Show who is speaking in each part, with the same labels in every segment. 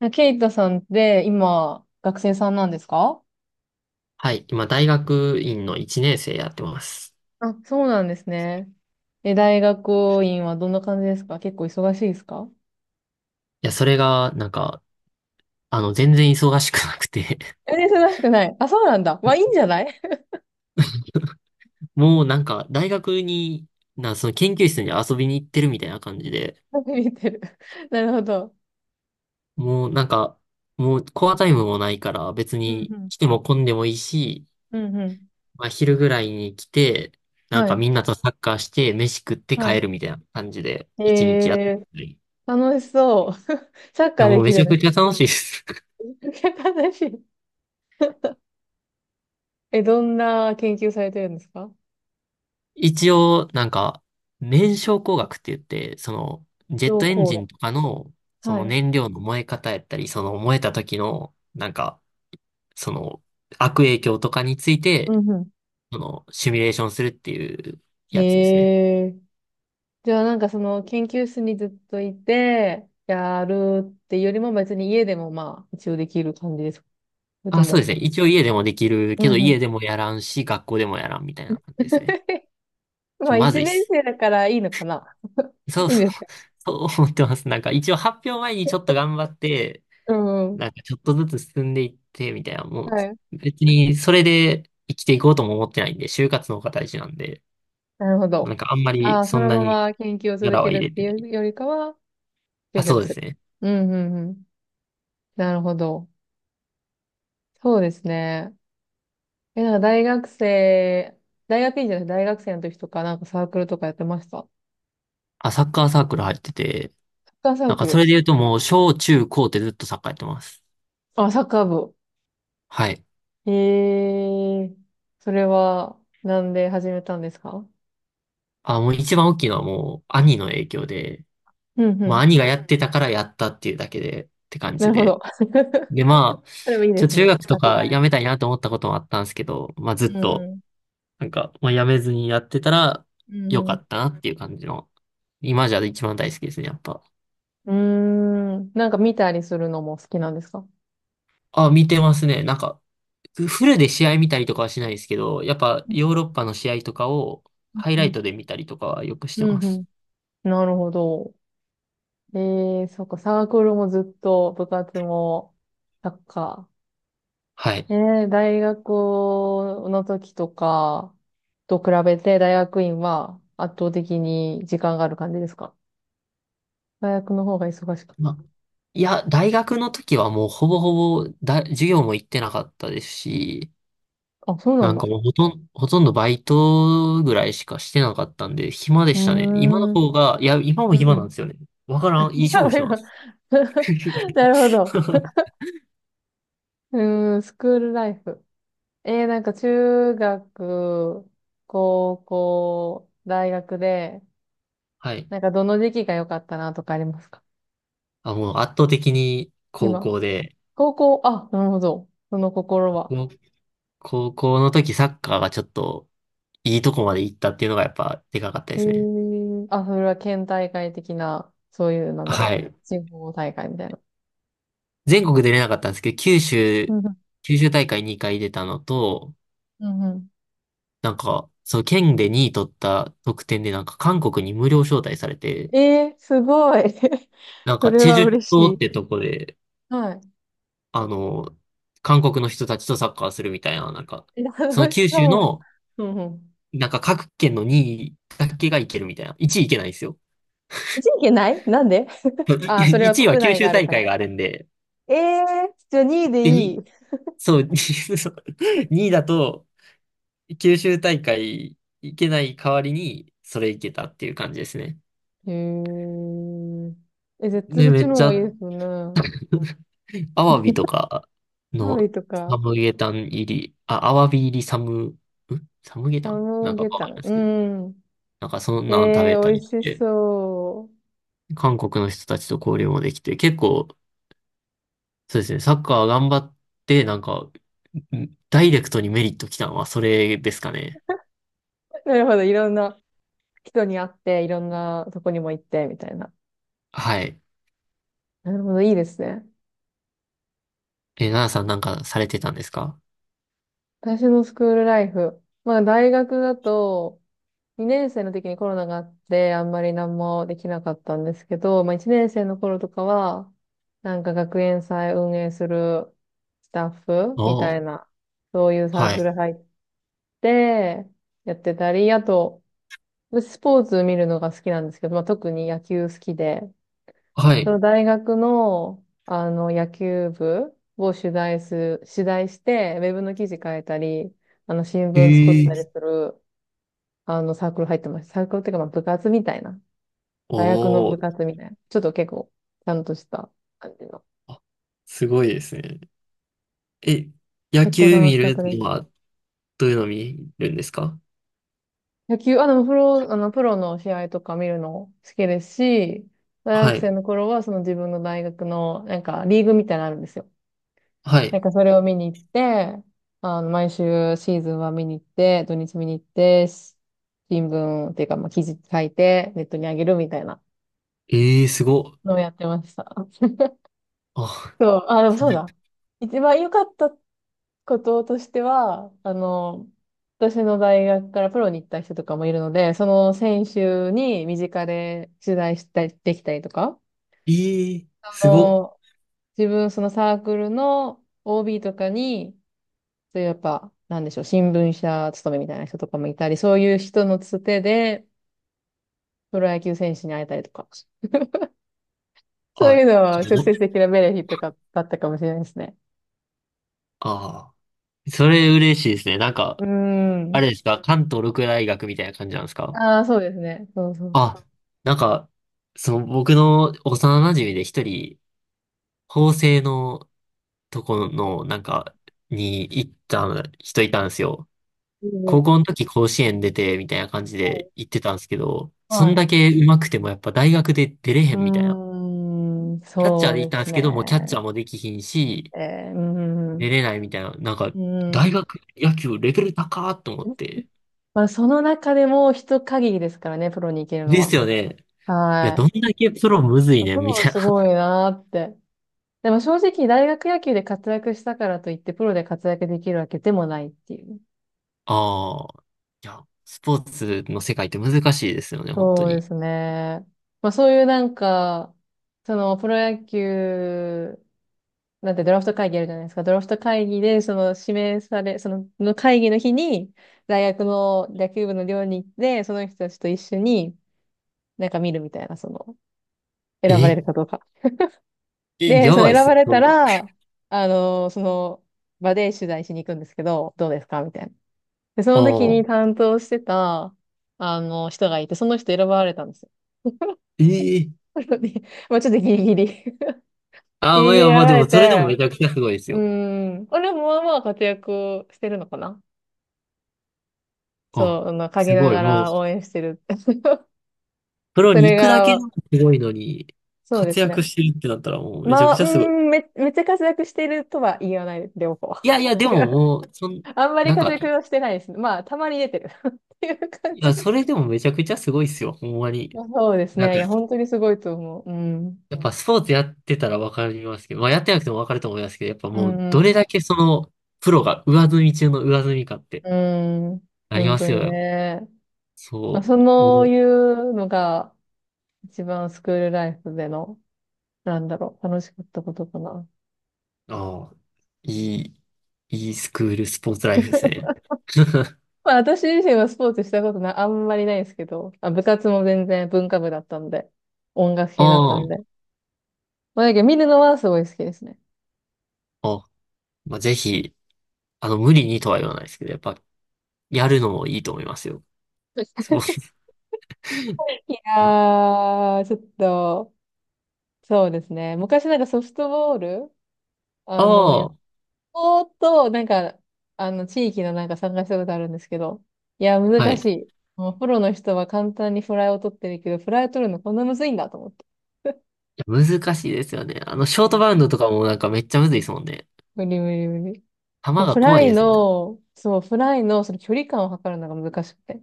Speaker 1: あ、ケイタさんって今、学生さんなんですか？
Speaker 2: はい。今、大学院の1年生やってます。
Speaker 1: あ、そうなんですね。え、大学院はどんな感じですか？結構忙しいですか？
Speaker 2: いや、それが、なんか、あの、全然忙しくなくて。
Speaker 1: え、忙しくない。あ、そうなんだ。まあ、いいんじ ゃない。
Speaker 2: もうなんか、大学に、その研究室に遊びに行ってるみたいな感じで、
Speaker 1: 見てる。なるほど。
Speaker 2: もうなんか、もうコアタイムもないから、別
Speaker 1: うん
Speaker 2: に
Speaker 1: うん。
Speaker 2: 来ても混んでもいいし、
Speaker 1: うんうん。
Speaker 2: まあ、昼ぐらいに来て、なん
Speaker 1: は
Speaker 2: か
Speaker 1: い。
Speaker 2: みんなとサッカーして、飯食って
Speaker 1: はい。
Speaker 2: 帰るみたいな感じで、一日やって
Speaker 1: えー、
Speaker 2: る。い
Speaker 1: 楽しそう。サッカ
Speaker 2: や、
Speaker 1: ー
Speaker 2: も
Speaker 1: で
Speaker 2: う
Speaker 1: き
Speaker 2: めち
Speaker 1: る
Speaker 2: ゃ
Speaker 1: ね。
Speaker 2: くちゃ楽しいです。
Speaker 1: 楽しい。え、どんな研究されてるんですか？
Speaker 2: 一応、なんか、燃焼工学って言って、その、ジェッ
Speaker 1: 情
Speaker 2: トエン
Speaker 1: 報
Speaker 2: ジ
Speaker 1: が。
Speaker 2: ンとかの、そ
Speaker 1: は
Speaker 2: の
Speaker 1: い。
Speaker 2: 燃料の燃え方やったり、その燃えた時の、その、悪影響とかについ
Speaker 1: う
Speaker 2: て、
Speaker 1: んう
Speaker 2: その、シミュレーションするっていう
Speaker 1: ん。
Speaker 2: やつですね。
Speaker 1: へえ。じゃあなんかその研究室にずっといて、やるっていうよりも別に家でもまあ一応できる感じですか？それと
Speaker 2: あ、そうで
Speaker 1: も、
Speaker 2: すね。一応家でもできるけ
Speaker 1: う
Speaker 2: ど、
Speaker 1: んうん。
Speaker 2: 家でもやらんし、学校でもやらんみたいな感じですね。
Speaker 1: まあ
Speaker 2: まず
Speaker 1: 一
Speaker 2: いっ
Speaker 1: 年
Speaker 2: す。
Speaker 1: 生だからいいのかな？
Speaker 2: そう
Speaker 1: いいん
Speaker 2: そ
Speaker 1: で
Speaker 2: う。
Speaker 1: すか？
Speaker 2: そう思ってます。なんか、一応発表前にちょっと頑張って、
Speaker 1: うんう
Speaker 2: な
Speaker 1: ん。
Speaker 2: んかちょっとずつ進んでいって、みたいな、も
Speaker 1: はい。
Speaker 2: う、別にそれで生きていこうとも思ってないんで、就活の方が大事なんで、
Speaker 1: なるほ
Speaker 2: なん
Speaker 1: ど。
Speaker 2: かあんま
Speaker 1: あ
Speaker 2: り
Speaker 1: あ、そ
Speaker 2: そん
Speaker 1: の
Speaker 2: な
Speaker 1: ま
Speaker 2: に
Speaker 1: ま研究を続
Speaker 2: 力
Speaker 1: け
Speaker 2: は入
Speaker 1: る
Speaker 2: れ
Speaker 1: って
Speaker 2: て
Speaker 1: い
Speaker 2: ない。
Speaker 1: うよりかは、
Speaker 2: あ、
Speaker 1: 就
Speaker 2: そう
Speaker 1: 職
Speaker 2: で
Speaker 1: する。
Speaker 2: すね。
Speaker 1: うんうんうん。なるほど。そうですね。え、なんか大学生、大学院じゃない、大学生の時とかなんかサークルとかやってました？
Speaker 2: あ、サッカーサークル入ってて、
Speaker 1: サッカーサー
Speaker 2: なんか
Speaker 1: ク
Speaker 2: そ
Speaker 1: ル。
Speaker 2: れで言うともう、小中高ってずっとサッカーやってます。
Speaker 1: あ、サッカー部。
Speaker 2: はい。
Speaker 1: ええー、それは、なんで始めたんですか？
Speaker 2: あ、もう一番大きいのはもう、兄の影響で、
Speaker 1: うんう
Speaker 2: まあ
Speaker 1: ん。
Speaker 2: 兄がやってたからやったっていうだけで、って感
Speaker 1: な
Speaker 2: じ
Speaker 1: るほど。
Speaker 2: で。で、まあ、
Speaker 1: それもいいです
Speaker 2: 中
Speaker 1: ね。
Speaker 2: 学と
Speaker 1: 憧
Speaker 2: か
Speaker 1: れ
Speaker 2: や
Speaker 1: て。
Speaker 2: めたいなと思ったこともあったんですけど、まあずっ
Speaker 1: う
Speaker 2: と、
Speaker 1: ん
Speaker 2: なんか、まあ、やめずにやってたら、
Speaker 1: う
Speaker 2: よか
Speaker 1: ん。
Speaker 2: ったなっていう感じの、今じゃ一番大好きですね、やっぱ。
Speaker 1: うんうん。うーん。なんか見たりするのも好きなんですか？
Speaker 2: あ、見てますね。なんか、フルで試合見たりとかはしないですけど、やっぱヨーロッパの試合とかをハイ
Speaker 1: う
Speaker 2: ライ
Speaker 1: ん
Speaker 2: トで見たりとかはよくして
Speaker 1: う
Speaker 2: ま
Speaker 1: ん。う
Speaker 2: す。
Speaker 1: ん。なるほど。ええ、そっか、サークルもずっと、部活も、サッカー。
Speaker 2: は
Speaker 1: え
Speaker 2: い。
Speaker 1: え、大学の時とかと比べて、大学院は圧倒的に時間がある感じですか？大学の方が忙しく。
Speaker 2: まあ、いや、大学の時はもうほぼほぼだ、授業も行ってなかったですし、
Speaker 1: あ、そうな
Speaker 2: な
Speaker 1: ん
Speaker 2: ん
Speaker 1: だ。
Speaker 2: か
Speaker 1: う
Speaker 2: もうほとんどバイトぐらいしかしてなかったんで、暇で
Speaker 1: ー
Speaker 2: したね。今の
Speaker 1: ん。うん
Speaker 2: 方が、いや、今も暇
Speaker 1: う
Speaker 2: な
Speaker 1: ん。
Speaker 2: んですよね。わか らん、
Speaker 1: い
Speaker 2: いい
Speaker 1: や、
Speaker 2: 勝負してま
Speaker 1: 今
Speaker 2: す。
Speaker 1: なるほど。うーん、スクールライフ。えー、なんか中学、高校、大学で、
Speaker 2: はい。
Speaker 1: なんかどの時期が良かったなとかありますか？
Speaker 2: あ、もう圧倒的に高
Speaker 1: 今。
Speaker 2: 校で、
Speaker 1: 高校、あ、なるほど。その心は。
Speaker 2: 高高校の時サッカーがちょっといいとこまで行ったっていうのがやっぱでかかったで
Speaker 1: え
Speaker 2: すね。
Speaker 1: ー、あ、それは県大会的な、そういう、なんだ
Speaker 2: は
Speaker 1: ろ
Speaker 2: い。
Speaker 1: う。地方大会みたいな。
Speaker 2: 全国出れなかったんですけど、
Speaker 1: うんうん。
Speaker 2: 九州大会2回出たのと、
Speaker 1: うんうん。
Speaker 2: なんか、その県で2位取った得点でなんか韓国に無料招待されて、
Speaker 1: えー、すごい。
Speaker 2: なん
Speaker 1: そ
Speaker 2: か
Speaker 1: れ
Speaker 2: チェジ
Speaker 1: は
Speaker 2: ュ
Speaker 1: 嬉
Speaker 2: 島
Speaker 1: し
Speaker 2: っ
Speaker 1: い。
Speaker 2: てとこで、
Speaker 1: はい。
Speaker 2: あの、韓国の人たちとサッカーするみたいな、なんか、その
Speaker 1: 楽し
Speaker 2: 九州
Speaker 1: そ
Speaker 2: の、
Speaker 1: う。うんうん。
Speaker 2: なんか各県の2位だけが行けるみたいな。1位行けないんですよ。
Speaker 1: 一時期ないなんで？ ああー、それは
Speaker 2: 1位は
Speaker 1: 国
Speaker 2: 九
Speaker 1: 内が
Speaker 2: 州
Speaker 1: ある
Speaker 2: 大
Speaker 1: か
Speaker 2: 会
Speaker 1: ら。
Speaker 2: があるんで、
Speaker 1: ええー、じゃあ2位で
Speaker 2: で、
Speaker 1: いい。
Speaker 2: に、そう、2位だと、九州大会行けない代わりに、それ行けたっていう感じですね。
Speaker 1: へえ。え、絶対そ
Speaker 2: で、
Speaker 1: っ
Speaker 2: め
Speaker 1: ち
Speaker 2: っ
Speaker 1: の
Speaker 2: ち
Speaker 1: 方が
Speaker 2: ゃ、
Speaker 1: いいですよね。
Speaker 2: アワビとか
Speaker 1: ハー
Speaker 2: の、
Speaker 1: イと
Speaker 2: サ
Speaker 1: か、
Speaker 2: ムゲタン入り、あ、アワビ入りサムゲタ
Speaker 1: サ
Speaker 2: ンな
Speaker 1: ム
Speaker 2: んかわ
Speaker 1: ゲ
Speaker 2: か
Speaker 1: タ
Speaker 2: んない
Speaker 1: ン。
Speaker 2: です
Speaker 1: う
Speaker 2: けど、
Speaker 1: ん。
Speaker 2: なんかそん
Speaker 1: え
Speaker 2: なん食
Speaker 1: え
Speaker 2: べ
Speaker 1: ー、
Speaker 2: た
Speaker 1: 美
Speaker 2: り
Speaker 1: 味
Speaker 2: し
Speaker 1: し
Speaker 2: て、
Speaker 1: そ
Speaker 2: 韓国の人たちと交流もできて、結構、そうですね、サッカー頑張って、ダイレクトにメリット来たのはそれですかね。
Speaker 1: う。なるほど。いろんな人に会って、いろんなとこにも行って、みたいな。
Speaker 2: はい。
Speaker 1: なるほど。いいですね。
Speaker 2: え、奈々さんなんかされてたんですか？
Speaker 1: 私のスクールライフ。まあ、大学だと、2年生の時にコロナがあって、あんまり何もできなかったんですけど、まあ、1年生の頃とかは、なんか学園祭運営するスタッフ
Speaker 2: お
Speaker 1: み
Speaker 2: お
Speaker 1: た
Speaker 2: ー、
Speaker 1: いな、そういうサー
Speaker 2: はい。
Speaker 1: クル入ってやってたり、あと、私スポーツ見るのが好きなんですけど、まあ、特に野球好きで、
Speaker 2: は
Speaker 1: そ
Speaker 2: い。
Speaker 1: の大学の、野球部を取材して、ウェブの記事書いたり、新聞作っ
Speaker 2: え
Speaker 1: たり
Speaker 2: え
Speaker 1: する、サークル入ってました。サークルっていうか、まあ、部活みたいな。大学の部
Speaker 2: お
Speaker 1: 活みたいな。ちょっと結構、ちゃんとした感じの。
Speaker 2: おあすごいですね。え、野
Speaker 1: 結構
Speaker 2: 球
Speaker 1: 楽
Speaker 2: 見
Speaker 1: しかっ
Speaker 2: る
Speaker 1: たです。
Speaker 2: のはどういうの見るんですか？
Speaker 1: 野球、あ、でも、プロ、プロの試合とか見るの好きですし、大
Speaker 2: は
Speaker 1: 学
Speaker 2: い。
Speaker 1: 生の頃は、その自分の大学の、なんか、リーグみたいなのあるんですよ。
Speaker 2: は
Speaker 1: なん
Speaker 2: い。
Speaker 1: かそれを見に行って、毎週シーズンは見に行って、土日見に行って、し新聞っていうか、まあ、記事書いて、ネットにあげるみたいな
Speaker 2: えー、すごっ。
Speaker 1: のをやってました。
Speaker 2: あ、
Speaker 1: そう、あ、でも
Speaker 2: そう
Speaker 1: そうだ。一番良かったこととしては、私の大学からプロに行った人とかもいるので、その選手に身近で取材したりできたりとか、
Speaker 2: えー、
Speaker 1: あ
Speaker 2: すごっ。
Speaker 1: の、自分そのサークルの OB とかに、そういうやっぱ、なんでしょう、新聞社勤めみたいな人とかもいたり、そういう人のつてで、プロ野球選手に会えたりとか、そう
Speaker 2: あ、
Speaker 1: いうのは
Speaker 2: それ
Speaker 1: 直
Speaker 2: ど
Speaker 1: 接的なベネフィットがだったかもしれないですね。
Speaker 2: あー、それ嬉しいですね。なん
Speaker 1: う
Speaker 2: か、
Speaker 1: ー
Speaker 2: あ
Speaker 1: ん。
Speaker 2: れですか？関東六大学みたいな感じなんですか？
Speaker 1: ああ、そうですね。そうそうそ
Speaker 2: あ、なんか、その僕の幼馴染で一人、法政のとこの、なんか、に行った人いたんですよ。
Speaker 1: う。うんう
Speaker 2: 高校
Speaker 1: ん
Speaker 2: の時甲子園出て、みたいな感じ
Speaker 1: そ
Speaker 2: で行ってたんですけど、
Speaker 1: う
Speaker 2: そ
Speaker 1: は
Speaker 2: んだ
Speaker 1: い。
Speaker 2: け上手くてもやっぱ大学で出れ
Speaker 1: う
Speaker 2: へんみたいな。
Speaker 1: ーん、
Speaker 2: キャッチャー
Speaker 1: そう
Speaker 2: で行っ
Speaker 1: で
Speaker 2: たんで
Speaker 1: す
Speaker 2: すけど、もうキャッチャ
Speaker 1: ね。
Speaker 2: ーもできひんし、
Speaker 1: えー、うん、
Speaker 2: 出
Speaker 1: う
Speaker 2: れないみたいな。なんか、
Speaker 1: ん。う
Speaker 2: 大
Speaker 1: ん。
Speaker 2: 学野球レベル高ーと思って。
Speaker 1: まあ、その中でも人限りですからね、プロに行けるの
Speaker 2: です
Speaker 1: は。
Speaker 2: よね。いや、どん
Speaker 1: はい。
Speaker 2: だけプロむずいねん、
Speaker 1: 僕
Speaker 2: み
Speaker 1: も
Speaker 2: たいな。
Speaker 1: すごい なーって。でも正直大学野球で活躍したからといってプロで活躍できるわけでもないっていう。
Speaker 2: ああ、いや、スポーツの世界って難しいですよね、本当
Speaker 1: そうで
Speaker 2: に。
Speaker 1: すね。まあそういうなんか、そのプロ野球、なんてドラフト会議あるじゃないですか。ドラフト会議でその指名され、の会議の日に大学の野球部の寮に行って、その人たちと一緒になんか見るみたいな、選ばれ
Speaker 2: え、
Speaker 1: るかどうか。
Speaker 2: え、
Speaker 1: で、
Speaker 2: や
Speaker 1: その
Speaker 2: ば
Speaker 1: 選
Speaker 2: いっす
Speaker 1: ば
Speaker 2: ね、
Speaker 1: れ
Speaker 2: そ
Speaker 1: た
Speaker 2: んな。
Speaker 1: ら、その場で取材しに行くんですけど、どうですかみたいな。で、そ
Speaker 2: あ
Speaker 1: の時に
Speaker 2: あ、
Speaker 1: 担当してた、人がいて、その人選ばれたんですよ。
Speaker 2: ええ
Speaker 1: なので、まあちょっとギリギリ ギ
Speaker 2: ま
Speaker 1: リ
Speaker 2: あ、
Speaker 1: ギリ選ば
Speaker 2: で
Speaker 1: れ
Speaker 2: も、それでも
Speaker 1: て、
Speaker 2: めちゃくちゃすごいです
Speaker 1: う
Speaker 2: よ。
Speaker 1: ん。俺もまあまあ活躍をしてるのかな？
Speaker 2: あ、
Speaker 1: そう、陰
Speaker 2: す
Speaker 1: な
Speaker 2: ごい。
Speaker 1: が
Speaker 2: もう、
Speaker 1: ら応援してる。
Speaker 2: プロ
Speaker 1: そ
Speaker 2: に
Speaker 1: れ
Speaker 2: 行くだけで
Speaker 1: が、
Speaker 2: もすごいのに、
Speaker 1: そうで
Speaker 2: 活
Speaker 1: す
Speaker 2: 躍
Speaker 1: ね。
Speaker 2: してるってなったらもうめちゃ
Speaker 1: ま
Speaker 2: く
Speaker 1: あ、
Speaker 2: ち
Speaker 1: う
Speaker 2: ゃすごい。
Speaker 1: ん、めっちゃ活躍してるとは言わないです、両方。
Speaker 2: いやいや、で
Speaker 1: 違
Speaker 2: も
Speaker 1: う。
Speaker 2: もう、そん、
Speaker 1: あんまり
Speaker 2: なん
Speaker 1: 活
Speaker 2: か、
Speaker 1: 躍
Speaker 2: い
Speaker 1: はしてないですね。まあ、たまに出てる っていう感じ
Speaker 2: や、
Speaker 1: で
Speaker 2: そ
Speaker 1: す。
Speaker 2: れでもめちゃくちゃすごいっすよ。ほんま に。
Speaker 1: そうです
Speaker 2: なん
Speaker 1: ね。い
Speaker 2: か、
Speaker 1: や、本当にすごいと思う。うん。
Speaker 2: やっぱスポーツやってたらわかりますけど、まあやってなくてもわかると思いますけど、やっぱ
Speaker 1: う
Speaker 2: も
Speaker 1: ん
Speaker 2: う、
Speaker 1: う
Speaker 2: どれ
Speaker 1: ん。
Speaker 2: だけその、プロが上積み中の上積みかって
Speaker 1: うん、
Speaker 2: あり
Speaker 1: 本
Speaker 2: ま
Speaker 1: 当
Speaker 2: す
Speaker 1: に
Speaker 2: よね。
Speaker 1: ね。まあ、
Speaker 2: そ
Speaker 1: そ
Speaker 2: う。
Speaker 1: う
Speaker 2: も
Speaker 1: いうのが一番スクールライフでの、なんだろう、楽しかったことかな。
Speaker 2: う、ああ、いい、いいスクールスポーツライフですね。
Speaker 1: まあ私自身はスポーツしたことな、あんまりないんですけど、まあ、部活も全然文化部だったんで、音楽系だっ
Speaker 2: あ
Speaker 1: たん
Speaker 2: あ、
Speaker 1: で。まあだけど見るのはすごい好きですね。
Speaker 2: あ、まあ、ぜひ、あの、無理にとは言わないですけど、やっぱ、やるのもいいと思いますよ。すごい。
Speaker 1: いやー、ちょっと、そうですね。昔なんかソフトボール、や
Speaker 2: あ
Speaker 1: っ
Speaker 2: あ、
Speaker 1: ぼーっと、なんか、地域のなんか参加したことあるんですけど、いや、
Speaker 2: は
Speaker 1: 難
Speaker 2: い。い
Speaker 1: しい。もうプロの人は簡単にフライを取ってるけど、フライを取るのこんなむずいんだと思って。
Speaker 2: や、難しいですよね。あの、ショ
Speaker 1: う
Speaker 2: ート
Speaker 1: ん。
Speaker 2: バウンドとかもなんかめっちゃむずいですもんね。
Speaker 1: 無理無理無理。
Speaker 2: 球
Speaker 1: もう
Speaker 2: が
Speaker 1: フラ
Speaker 2: 怖い
Speaker 1: イ
Speaker 2: ですもんね。
Speaker 1: の、そう、フライのその距離感を測るのが難しくて。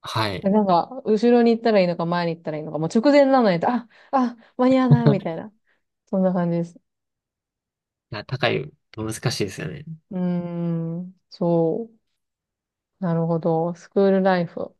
Speaker 2: はい。
Speaker 1: で
Speaker 2: い
Speaker 1: なんか、後ろに行ったらいいのか、前に行ったらいいのか、もう直前なのに、あ、間に合わないみたいな。そんな感じです。
Speaker 2: や、高いと難しいですよね。
Speaker 1: うーん、そう。なるほど。スクールライフ。